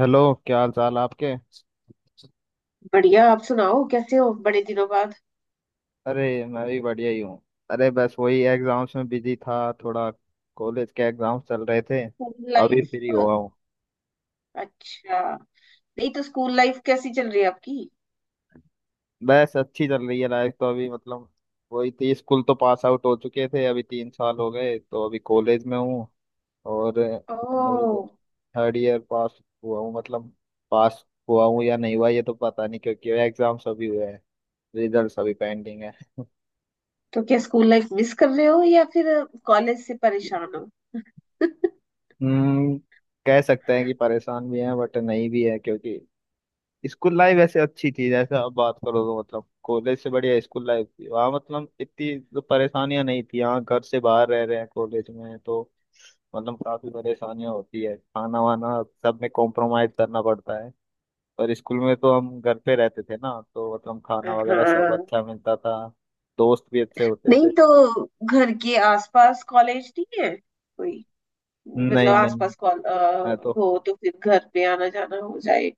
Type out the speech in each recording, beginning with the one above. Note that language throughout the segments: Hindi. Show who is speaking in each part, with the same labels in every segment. Speaker 1: हेलो। क्या हाल चाल आपके।
Speaker 2: बढ़िया आप सुनाओ कैसे हो बड़े दिनों बाद।
Speaker 1: अरे मैं भी बढ़िया ही हूँ। अरे बस वही एग्जाम्स में बिजी था थोड़ा, कॉलेज के एग्जाम्स चल रहे थे।
Speaker 2: स्कूल
Speaker 1: अभी फ्री
Speaker 2: लाइफ।
Speaker 1: हुआ हूँ।
Speaker 2: अच्छा। नहीं तो स्कूल लाइफ कैसी चल रही है आपकी?
Speaker 1: बस अच्छी चल रही है लाइफ तो अभी, वही थी। स्कूल तो पास आउट हो चुके थे, अभी 3 साल हो गए, तो अभी कॉलेज में हूँ। और अभी
Speaker 2: ओह।
Speaker 1: तो थर्ड ईयर पास हुआ हूँ, पास हुआ हूँ या नहीं हुआ ये तो पता नहीं क्योंकि एग्जाम्स अभी हुए हैं, रिजल्ट्स अभी पेंडिंग है।
Speaker 2: तो क्या स्कूल लाइफ मिस कर रहे हो या फिर कॉलेज से परेशान हो?
Speaker 1: हम्म, कह सकते हैं कि परेशान भी हैं बट नहीं भी है, क्योंकि स्कूल लाइफ ऐसे अच्छी थी। जैसे आप बात करो तो मतलब कॉलेज से बढ़िया स्कूल लाइफ थी, वहाँ मतलब इतनी तो परेशानियां नहीं थी। यहाँ घर से बाहर रह रहे हैं कॉलेज में, तो मतलब काफी परेशानियां होती है, खाना वाना सब में कॉम्प्रोमाइज करना पड़ता है। और स्कूल में तो हम घर पे रहते थे ना, तो मतलब खाना वगैरह सब
Speaker 2: हाँ।
Speaker 1: अच्छा मिलता था। दोस्त भी अच्छे होते
Speaker 2: नहीं
Speaker 1: थे।
Speaker 2: तो घर के आसपास कॉलेज नहीं है कोई? मतलब
Speaker 1: नहीं नहीं,
Speaker 2: आसपास
Speaker 1: मैं तो
Speaker 2: हो तो फिर घर पे आना जाना हो जाए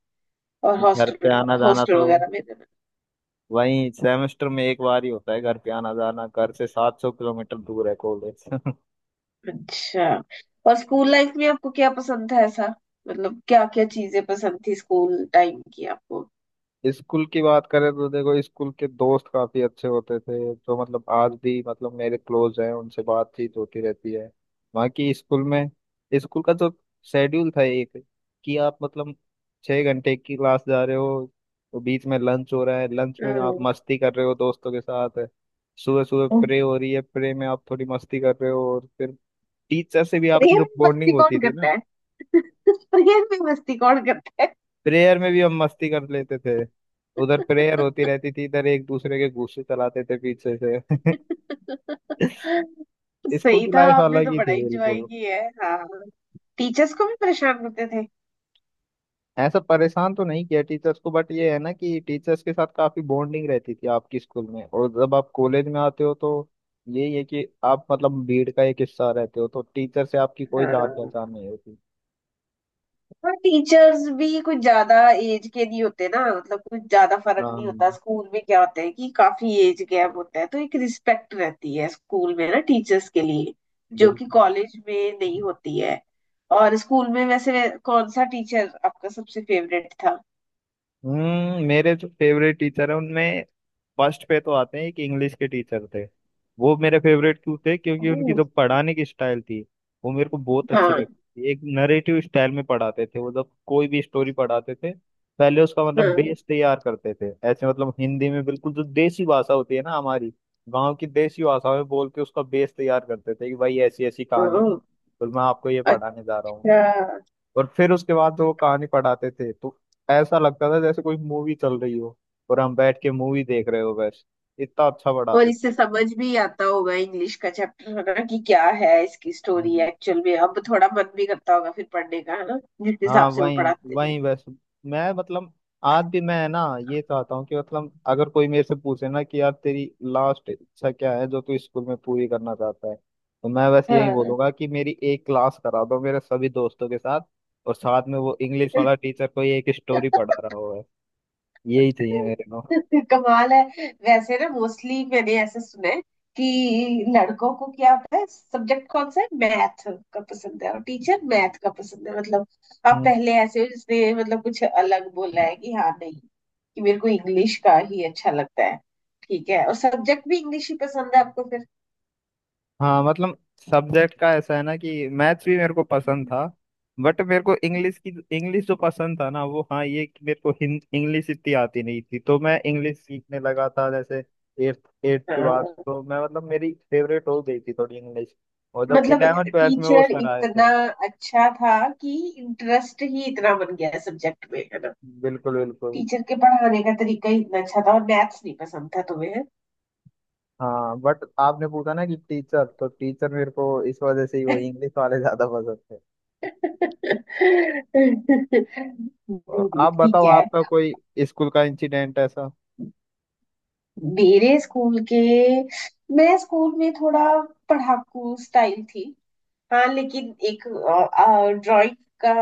Speaker 2: और
Speaker 1: घर
Speaker 2: हॉस्टल
Speaker 1: पे आना जाना
Speaker 2: हॉस्टल
Speaker 1: तो
Speaker 2: वगैरह में रहना।
Speaker 1: वही सेमेस्टर में एक बार ही होता है। घर पे आना जाना, घर से 700 किलोमीटर दूर है कॉलेज।
Speaker 2: अच्छा। और स्कूल लाइफ में आपको क्या पसंद था ऐसा? मतलब क्या क्या चीजें पसंद थी स्कूल टाइम की आपको?
Speaker 1: स्कूल की बात करें तो देखो, स्कूल के दोस्त काफी अच्छे होते थे, तो मतलब आज भी, मतलब मेरे क्लोज हैं, उनसे बातचीत होती रहती है। बाकी स्कूल में, स्कूल का जो शेड्यूल था एक, कि आप मतलब 6 घंटे की क्लास जा रहे हो, तो बीच में लंच हो रहा है, लंच में आप
Speaker 2: हम्म।
Speaker 1: मस्ती कर रहे हो दोस्तों के साथ। सुबह सुबह प्रे हो रही है, प्रे में आप थोड़ी मस्ती कर रहे हो, और फिर टीचर से भी आपकी
Speaker 2: प्रेयर
Speaker 1: तो
Speaker 2: में मस्ती
Speaker 1: बॉन्डिंग होती
Speaker 2: कौन
Speaker 1: थी ना।
Speaker 2: करता है? प्रेयर में मस्ती कौन करता है?
Speaker 1: प्रेयर में भी हम मस्ती कर लेते थे। उधर प्रेयर होती रहती थी, इधर एक दूसरे के घूंसे चलाते थे पीछे से। स्कूल
Speaker 2: सही
Speaker 1: की
Speaker 2: था
Speaker 1: लाइफ
Speaker 2: आपने
Speaker 1: अलग
Speaker 2: तो
Speaker 1: ही
Speaker 2: बड़ा
Speaker 1: थी
Speaker 2: इंजॉय
Speaker 1: बिल्कुल।
Speaker 2: किया है हाँ। टीचर्स को भी परेशान करते थे?
Speaker 1: ऐसा परेशान तो नहीं किया टीचर्स को, बट ये है ना कि टीचर्स के साथ काफी बॉन्डिंग रहती थी आपकी स्कूल में। और जब आप कॉलेज में आते हो तो यही है कि आप मतलब भीड़ का एक हिस्सा रहते हो, तो टीचर से आपकी कोई जान पहचान
Speaker 2: हाँ।
Speaker 1: नहीं होती।
Speaker 2: और टीचर्स भी कुछ ज्यादा एज के नहीं होते ना मतलब कुछ ज्यादा फर्क नहीं
Speaker 1: हाँ,
Speaker 2: होता स्कूल में क्या होता है कि काफी एज गैप होता है तो एक रिस्पेक्ट रहती है स्कूल में ना टीचर्स के लिए। जो
Speaker 1: बिल्कुल।
Speaker 2: कि कॉलेज में नहीं होती है। और स्कूल में वैसे कौन सा टीचर आपका सबसे फेवरेट था?
Speaker 1: हम्म, मेरे जो फेवरेट टीचर हैं उनमें फर्स्ट पे तो आते हैं, एक इंग्लिश के टीचर थे। वो मेरे फेवरेट क्यों थे, क्योंकि उनकी
Speaker 2: ओ।
Speaker 1: जो पढ़ाने की स्टाइल थी वो मेरे को बहुत अच्छी
Speaker 2: हाँ।
Speaker 1: लगती थी। एक नरेटिव स्टाइल में पढ़ाते थे वो। जब कोई भी स्टोरी पढ़ाते थे, पहले उसका मतलब
Speaker 2: हाँ।
Speaker 1: बेस तैयार करते थे। ऐसे मतलब हिंदी में, बिल्कुल जो देसी भाषा होती है ना हमारी, गांव की देसी भाषा में बोल के उसका बेस तैयार करते थे कि भाई ऐसी ऐसी
Speaker 2: ओ।
Speaker 1: कहानी है और मैं आपको ये पढ़ाने जा रहा हूँ।
Speaker 2: अच्छा।
Speaker 1: और फिर उसके बाद तो वो कहानी पढ़ाते थे, तो ऐसा लगता था जैसे कोई मूवी चल रही हो और हम बैठ के मूवी देख रहे हो। बस इतना अच्छा
Speaker 2: और
Speaker 1: पढ़ाते
Speaker 2: इससे
Speaker 1: थे।
Speaker 2: समझ भी आता होगा इंग्लिश का चैप्टर है ना कि क्या है इसकी स्टोरी
Speaker 1: हम्म।
Speaker 2: एक्चुअल में, अब थोड़ा मन भी करता होगा फिर पढ़ने का है ना। जिस
Speaker 1: हाँ
Speaker 2: हिसाब से वो
Speaker 1: वही
Speaker 2: पढ़ाते थे।
Speaker 1: वही बस, मैं मतलब आज भी मैं ना ये चाहता हूँ कि, मतलब अगर कोई मेरे से पूछे ना कि यार तेरी लास्ट इच्छा क्या है जो तू स्कूल में पूरी करना चाहता है, तो मैं बस यही
Speaker 2: हाँ।
Speaker 1: बोलूंगा कि मेरी एक क्लास करा दो मेरे सभी दोस्तों के साथ, और साथ में वो इंग्लिश वाला टीचर कोई एक स्टोरी पढ़ा रहा हो। बस यही चाहिए मेरे को।
Speaker 2: कमाल है। वैसे ना मोस्टली मैंने ऐसे सुना है कि लड़कों को क्या होता है सब्जेक्ट कौन सा है मैथ का पसंद है और टीचर मैथ का पसंद है, मतलब आप
Speaker 1: हम्म,
Speaker 2: पहले ऐसे हो जिसने मतलब कुछ अलग बोला है कि हाँ नहीं कि मेरे को इंग्लिश का ही अच्छा लगता है। ठीक है और सब्जेक्ट भी इंग्लिश ही पसंद है आपको फिर?
Speaker 1: हाँ मतलब सब्जेक्ट का ऐसा है ना कि मैथ्स भी मेरे को पसंद था, बट मेरे को इंग्लिश की, इंग्लिश जो पसंद था ना वो हाँ, ये कि मेरे को इंग्लिश इतनी आती नहीं थी, तो मैं इंग्लिश सीखने लगा था। जैसे एट्थ एट्थ के
Speaker 2: हाँ
Speaker 1: बाद तो मैं, मतलब मेरी फेवरेट हो गई थी थोड़ी इंग्लिश। और जब
Speaker 2: मतलब
Speaker 1: 11th 12th में वो
Speaker 2: टीचर
Speaker 1: सर आए थे।
Speaker 2: इतना अच्छा था कि इंटरेस्ट ही इतना बन गया सब्जेक्ट में है ना।
Speaker 1: बिल्कुल बिल्कुल।
Speaker 2: टीचर के पढ़ाने का तरीका ही इतना अच्छा था और मैथ्स नहीं पसंद था तुम्हें।
Speaker 1: हाँ बट आपने पूछा ना कि टीचर, तो टीचर मेरे को इस वजह से ही वो इंग्लिश वाले ज्यादा पसंद थे। और
Speaker 2: नहीं नहीं
Speaker 1: आप
Speaker 2: ठीक
Speaker 1: बताओ,
Speaker 2: है।
Speaker 1: आपका कोई स्कूल का इंसिडेंट ऐसा?
Speaker 2: मेरे स्कूल के, मैं स्कूल में थोड़ा पढ़ाकू स्टाइल थी हाँ, लेकिन एक ड्राइंग का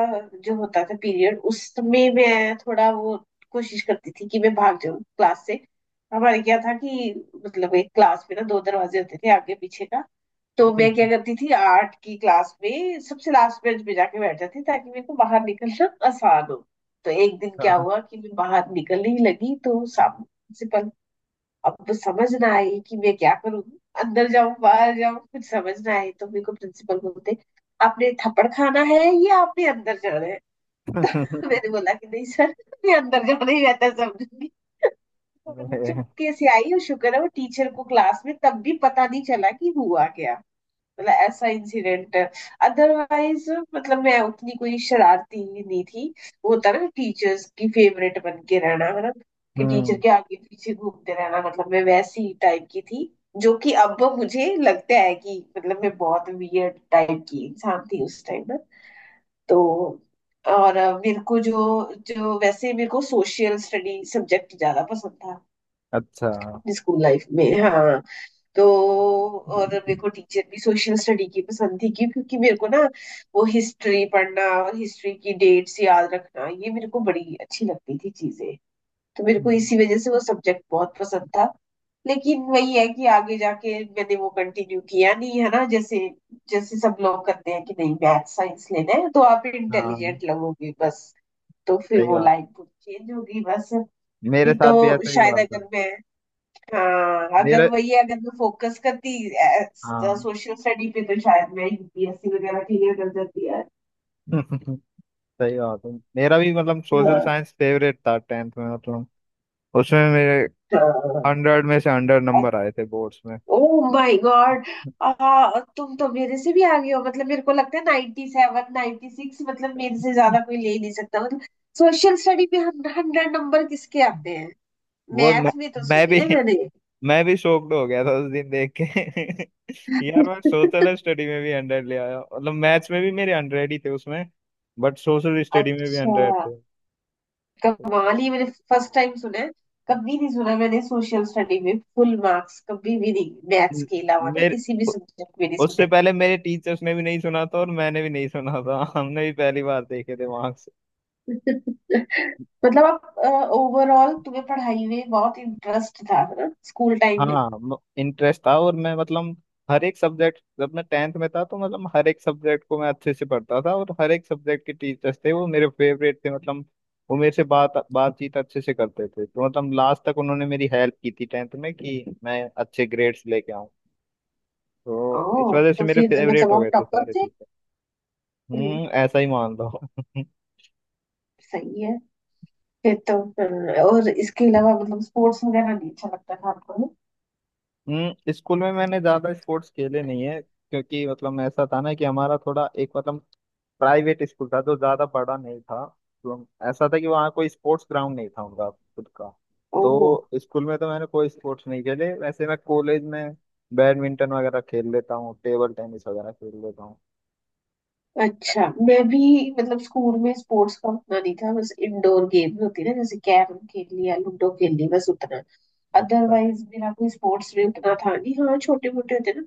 Speaker 2: जो होता था पीरियड उसमें मैं थोड़ा वो कोशिश करती थी कि मैं भाग जाऊं क्लास से। हमारे क्या था कि मतलब एक क्लास में ना दो दरवाजे होते थे आगे पीछे का। तो मैं क्या करती थी आर्ट की क्लास में सबसे लास्ट बेंच पे जाके बैठ जाती ताकि मेरे को बाहर निकलना आसान हो। तो एक दिन क्या हुआ कि मैं बाहर निकलने ही लगी तो सामने प्रिंसिपल। अब तो समझ ना आई कि मैं क्या करूंगी, अंदर जाऊं बाहर जाऊं, कुछ समझ ना आई। तो मेरे को प्रिंसिपल बोलते आपने थप्पड़ खाना है या आपने अंदर जाना है। तो मैंने बोला कि नहीं सर मैं अंदर जाना ही रहता है, समझूंगी। और मैं
Speaker 1: अरे!
Speaker 2: चुपके से आई और शुक्र है वो टीचर को क्लास में तब भी पता नहीं चला कि हुआ क्या। मतलब ऐसा इंसिडेंट, अदरवाइज मतलब मैं उतनी कोई शरारती नहीं थी। वो होता ना टीचर्स की फेवरेट बन के रहना है ना कि
Speaker 1: हम्म।
Speaker 2: टीचर के आगे पीछे घूमते रहना, मतलब मैं वैसी टाइप की थी जो कि अब मुझे लगता है कि मतलब मैं बहुत वियर्ड टाइप की इंसान थी उस टाइम ना। तो और मेरे को जो जो वैसे मेरे को सोशल स्टडी सब्जेक्ट ज्यादा पसंद था
Speaker 1: अच्छा।
Speaker 2: अपनी स्कूल लाइफ में हाँ। तो और मेरे को टीचर भी सोशल स्टडी की पसंद थी, क्यों क्योंकि मेरे को ना वो हिस्ट्री पढ़ना और हिस्ट्री की डेट्स याद रखना ये मेरे को बड़ी अच्छी लगती थी चीजें। तो मेरे को
Speaker 1: हम्म,
Speaker 2: इसी वजह से वो सब्जेक्ट बहुत पसंद था। लेकिन वही है कि आगे जाके मैंने वो कंटिन्यू किया नहीं है ना, जैसे जैसे सब लोग करते हैं कि नहीं मैथ साइंस लेना है तो आप
Speaker 1: हाँ
Speaker 2: इंटेलिजेंट लगोगे बस। तो फिर
Speaker 1: सही
Speaker 2: वो
Speaker 1: बात,
Speaker 2: लाइन चेंज होगी बस।
Speaker 1: मेरे
Speaker 2: नहीं
Speaker 1: साथ भी
Speaker 2: तो
Speaker 1: ऐसा ही
Speaker 2: शायद
Speaker 1: हुआ
Speaker 2: अगर
Speaker 1: था।
Speaker 2: मैं, हाँ अगर
Speaker 1: मेरे
Speaker 2: वही अगर मैं फोकस करती
Speaker 1: हाँ।
Speaker 2: सोशल स्टडी पे तो शायद मैं यूपीएससी वगैरह क्लियर कर जाती।
Speaker 1: सही बात है, मेरा भी मतलब सोशल
Speaker 2: यार,
Speaker 1: साइंस फेवरेट था 10th में। मतलब उसमें मेरे 100 में से 100 नंबर आए थे बोर्ड्स में।
Speaker 2: Oh my god. आ तुम तो मेरे से भी आगे हो, मतलब मेरे को लगता है 97 96, मतलब मेरे से ज्यादा कोई ले ही नहीं सकता, मतलब सोशल स्टडी में हंड्रेड नंबर किसके आते हैं?
Speaker 1: वो मैं,
Speaker 2: मैथ में तो
Speaker 1: मैं
Speaker 2: सुने
Speaker 1: भी
Speaker 2: हैं मैंने।
Speaker 1: मैं भी शॉक्ड हो गया था उस दिन देख के। यार मैं सोशल स्टडी में भी 100 ले आया, मतलब मैथ्स में भी मेरे 100 ही थे उसमें, बट सोशल स्टडी में भी
Speaker 2: अच्छा,
Speaker 1: 100 थे।
Speaker 2: कव्वाली मैंने फर्स्ट टाइम सुना है। कभी नहीं सुना मैंने सोशल स्टडी में फुल मार्क्स, कभी भी नहीं, मैथ्स
Speaker 1: न-
Speaker 2: के अलावा ना
Speaker 1: मेरे
Speaker 2: किसी भी
Speaker 1: उ-
Speaker 2: सब्जेक्ट में नहीं
Speaker 1: उससे
Speaker 2: सुने।
Speaker 1: पहले मेरे टीचर्स ने भी नहीं सुना था और मैंने भी नहीं सुना था। हमने भी पहली बार देखे थे वहां से।
Speaker 2: मतलब आप ओवरऑल तुम्हें पढ़ाई में बहुत इंटरेस्ट था ना स्कूल टाइम में?
Speaker 1: हाँ इंटरेस्ट था, और मैं मतलब हर एक सब्जेक्ट, जब मैं 10th में था तो मतलब हर एक सब्जेक्ट को मैं अच्छे से पढ़ता था, और हर एक सब्जेक्ट के टीचर्स थे वो मेरे फेवरेट थे। मतलब वो मेरे से बातचीत अच्छे से करते थे, तो मतलब लास्ट तक उन्होंने मेरी हेल्प की थी 10th में कि मैं अच्छे ग्रेड्स लेके आऊं। तो
Speaker 2: ओ
Speaker 1: इस वजह से
Speaker 2: तो
Speaker 1: मेरे
Speaker 2: फिर
Speaker 1: फेवरेट
Speaker 2: मतलब
Speaker 1: हो
Speaker 2: आप
Speaker 1: गए थे
Speaker 2: टॉपर
Speaker 1: सारे
Speaker 2: थे?
Speaker 1: टीचर।
Speaker 2: हम्म,
Speaker 1: हम्म, ऐसा ही मान लो।
Speaker 2: सही है। और इसके अलावा मतलब स्पोर्ट्स वगैरह नहीं अच्छा लगता था आपको ना?
Speaker 1: हम्म, स्कूल में मैंने ज्यादा स्पोर्ट्स खेले नहीं है, क्योंकि मतलब ऐसा था ना कि हमारा थोड़ा एक, मतलब प्राइवेट स्कूल था जो ज्यादा बड़ा नहीं था। ऐसा था कि वहाँ कोई स्पोर्ट्स ग्राउंड नहीं था उनका खुद का।
Speaker 2: ओ
Speaker 1: तो स्कूल में तो मैंने कोई स्पोर्ट्स नहीं खेले। वैसे मैं कॉलेज में बैडमिंटन वगैरह खेल लेता हूँ, टेबल टेनिस वगैरह खेल लेता हूँ।
Speaker 2: अच्छा, मैं भी मतलब स्कूल में स्पोर्ट्स का उतना नहीं था, बस इंडोर गेम होती ना जैसे कैरम खेल लिया लूडो खेल ली बस उतना।
Speaker 1: अच्छा।
Speaker 2: अदरवाइज मेरा कोई स्पोर्ट्स में उतना था नहीं हाँ, छोटे मोटे होते ना,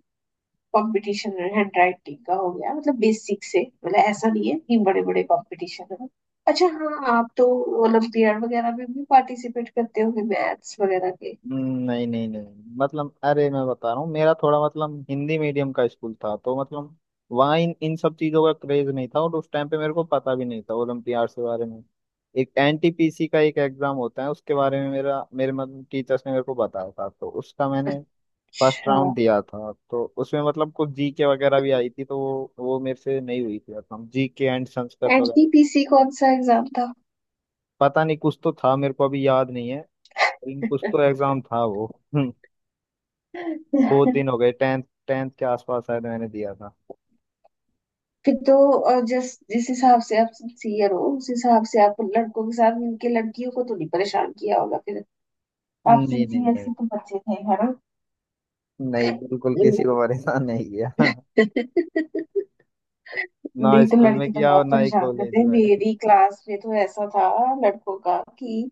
Speaker 2: कंपटीशन हैंड राइटिंग का हो गया मतलब बेसिक से, मतलब ऐसा नहीं है कि बड़े बड़े कंपटीशन है। अच्छा, हाँ आप तो ओलंपियाड वगैरह में भी पार्टिसिपेट करते होंगे मैथ्स वगैरह के।
Speaker 1: नहीं नहीं नहीं, मतलब अरे मैं बता रहा हूँ, मेरा थोड़ा मतलब हिंदी मीडियम का स्कूल था, तो मतलब वहाँ इन इन सब चीज़ों का क्रेज नहीं था, और उस टाइम पे मेरे को पता भी नहीं था ओलम्पियाड के बारे में। एक एनटीपीसी का एक एग्जाम होता है, उसके बारे में मेरा मेरे मतलब टीचर्स ने मेरे को बताया था, तो उसका मैंने फर्स्ट
Speaker 2: अच्छा,
Speaker 1: राउंड दिया था। तो उसमें मतलब कुछ जीके वगैरह भी आई थी, तो वो मेरे से नहीं हुई थी, मतलब जीके एंड संस्कृत वगैरह।
Speaker 2: एनटीपीसी कौन सा एग्जाम था?
Speaker 1: पता नहीं, कुछ तो था, मेरे को अभी याद नहीं है, लेकिन कुछ तो एग्जाम था वो। हम्म। बहुत दिन हो गए, टेंथ टेंथ के आसपास शायद मैंने दिया था।
Speaker 2: फिर तो, और जिस जिस हिसाब से आप सिंसियर हो उस हिसाब से आप लड़कों के साथ मिलके लड़कियों को तो नहीं परेशान किया होगा फिर।
Speaker 1: नहीं
Speaker 2: आप
Speaker 1: नहीं।
Speaker 2: सिंसियर
Speaker 1: नहीं
Speaker 2: से तो बचे थे है ना?
Speaker 1: नहीं बिल्कुल किसी
Speaker 2: हम्म।
Speaker 1: को परेशान नहीं किया। ना
Speaker 2: नहीं तो
Speaker 1: स्कूल में
Speaker 2: लड़की तो
Speaker 1: किया
Speaker 2: बहुत
Speaker 1: और ना ही
Speaker 2: परेशान
Speaker 1: कॉलेज
Speaker 2: करते हैं,
Speaker 1: में।
Speaker 2: मेरी क्लास में तो ऐसा था लड़कों का कि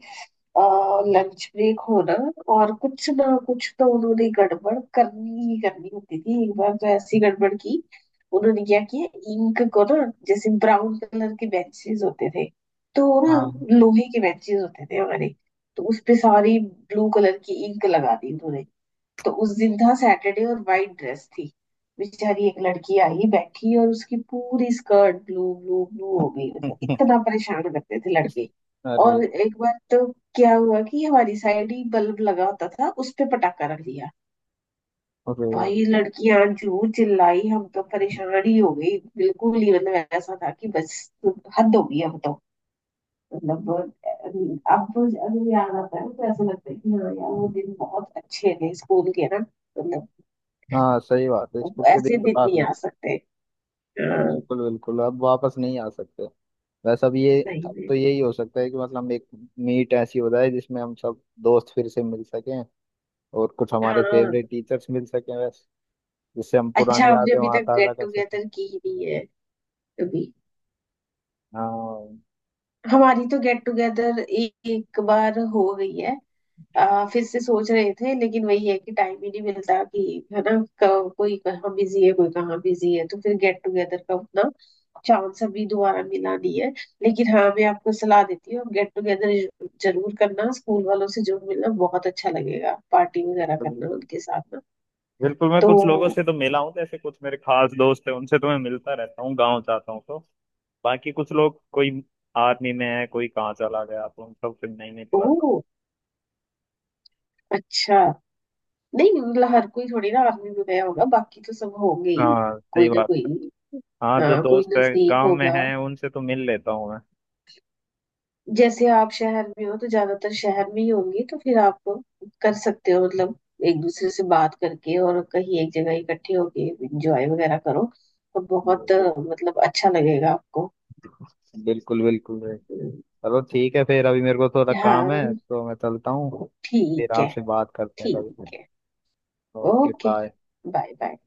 Speaker 2: लंच ब्रेक होना और कुछ ना कुछ तो उन्होंने गड़बड़ करनी ही करनी होती थी। एक बार तो ऐसी गड़बड़ की, उन्होंने क्या किया इंक को ना, जैसे ब्राउन कलर के बेंचेस होते थे, तो वो ना
Speaker 1: हाँ।
Speaker 2: लोहे के बेंचेस होते थे हमारे, तो उस पे सारी ब्लू कलर की इंक लगा दी उन्होंने। तो उस दिन था सैटरडे और वाइट ड्रेस थी। बेचारी एक लड़की आई बैठी और उसकी पूरी स्कर्ट ब्लू ब्लू ब्लू हो गई, मतलब इतना परेशान करते थे लड़के।
Speaker 1: अरे!
Speaker 2: और एक बार तो क्या हुआ कि हमारी साइड ही बल्ब लगा होता था, उस पे पटाखा रख दिया।
Speaker 1: अरे!
Speaker 2: भाई लड़कियां जू चिल्लाई, हम तो परेशान ही हो गई बिल्कुल ही, मतलब ऐसा था कि बस हद हो गई अब तो। मतलब अब अगर याद आता है तो ऐसा लगता है कि हाँ यार वो दिन बहुत अच्छे थे स्कूल के ना मतलब,
Speaker 1: हाँ सही बात है,
Speaker 2: वो
Speaker 1: स्कूल के
Speaker 2: ऐसे
Speaker 1: दिन तो
Speaker 2: दिन
Speaker 1: काफी
Speaker 2: नहीं आ
Speaker 1: अच्छे।
Speaker 2: सकते। हाँ,
Speaker 1: बिल्कुल बिल्कुल, अब वापस नहीं आ सकते। वैसे अब ये,
Speaker 2: नहीं
Speaker 1: अब
Speaker 2: में
Speaker 1: तो यही हो सकता है कि मतलब एक मीट ऐसी हो जाए जिसमें हम सब दोस्त फिर से मिल सकें, और कुछ हमारे
Speaker 2: हाँ।
Speaker 1: फेवरेट टीचर्स मिल सकें वैसे, जिससे हम
Speaker 2: अच्छा
Speaker 1: पुरानी
Speaker 2: हमने
Speaker 1: यादें
Speaker 2: अभी
Speaker 1: वहाँ
Speaker 2: तक
Speaker 1: ताज़ा
Speaker 2: गेट
Speaker 1: कर सकें।
Speaker 2: टुगेदर की ही नहीं है कभी।
Speaker 1: हाँ
Speaker 2: हमारी तो गेट टुगेदर एक बार हो गई है। फिर से सोच रहे थे लेकिन वही है कि टाइम ही नहीं मिलता कि, है ना, कोई कहाँ बिजी है कोई कहाँ बिजी है, तो फिर गेट टुगेदर का उतना चांस अभी दोबारा मिला नहीं है। लेकिन हाँ मैं आपको सलाह देती हूँ गेट टुगेदर जरूर करना स्कूल वालों से, जो मिलना बहुत अच्छा लगेगा, पार्टी वगैरह
Speaker 1: बिल्कुल
Speaker 2: करना उनके साथ ना।
Speaker 1: बिल्कुल। मैं
Speaker 2: तो
Speaker 1: कुछ लोगों से तो मिला हूँ, जैसे कुछ मेरे खास दोस्त हैं उनसे तो मैं मिलता रहता हूँ, गांव जाता हूँ तो। बाकी कुछ लोग कोई आर्मी में है, कोई कहाँ चला गया, तो उन सबसे नहीं मिल पाता।
Speaker 2: ओह अच्छा, नहीं मतलब हर कोई थोड़ी ना आर्मी में गया होगा, बाकी तो सब होंगे ही
Speaker 1: हाँ सही
Speaker 2: कोई ना
Speaker 1: बात है।
Speaker 2: कोई।
Speaker 1: हाँ जो
Speaker 2: हाँ कोई
Speaker 1: दोस्त है
Speaker 2: नजदीक
Speaker 1: गांव में
Speaker 2: होगा,
Speaker 1: है, उनसे तो मिल लेता हूँ मैं।
Speaker 2: जैसे आप शहर में हो तो ज्यादातर शहर में ही होंगे तो फिर आप कर सकते हो मतलब एक दूसरे से बात करके और कहीं एक जगह इकट्ठे होके एंजॉय वगैरह करो। तो बहुत
Speaker 1: बिल्कुल
Speaker 2: मतलब अच्छा लगेगा आपको।
Speaker 1: बिल्कुल बिल्कुल भाई।
Speaker 2: हम्म,
Speaker 1: चलो ठीक है, फिर अभी मेरे को थोड़ा काम
Speaker 2: हाँ
Speaker 1: है तो मैं चलता हूँ। फिर
Speaker 2: ठीक है।
Speaker 1: आपसे बात करते हैं
Speaker 2: ठीक
Speaker 1: कभी।
Speaker 2: है।
Speaker 1: Okay
Speaker 2: okay
Speaker 1: bye.
Speaker 2: Bye. Bye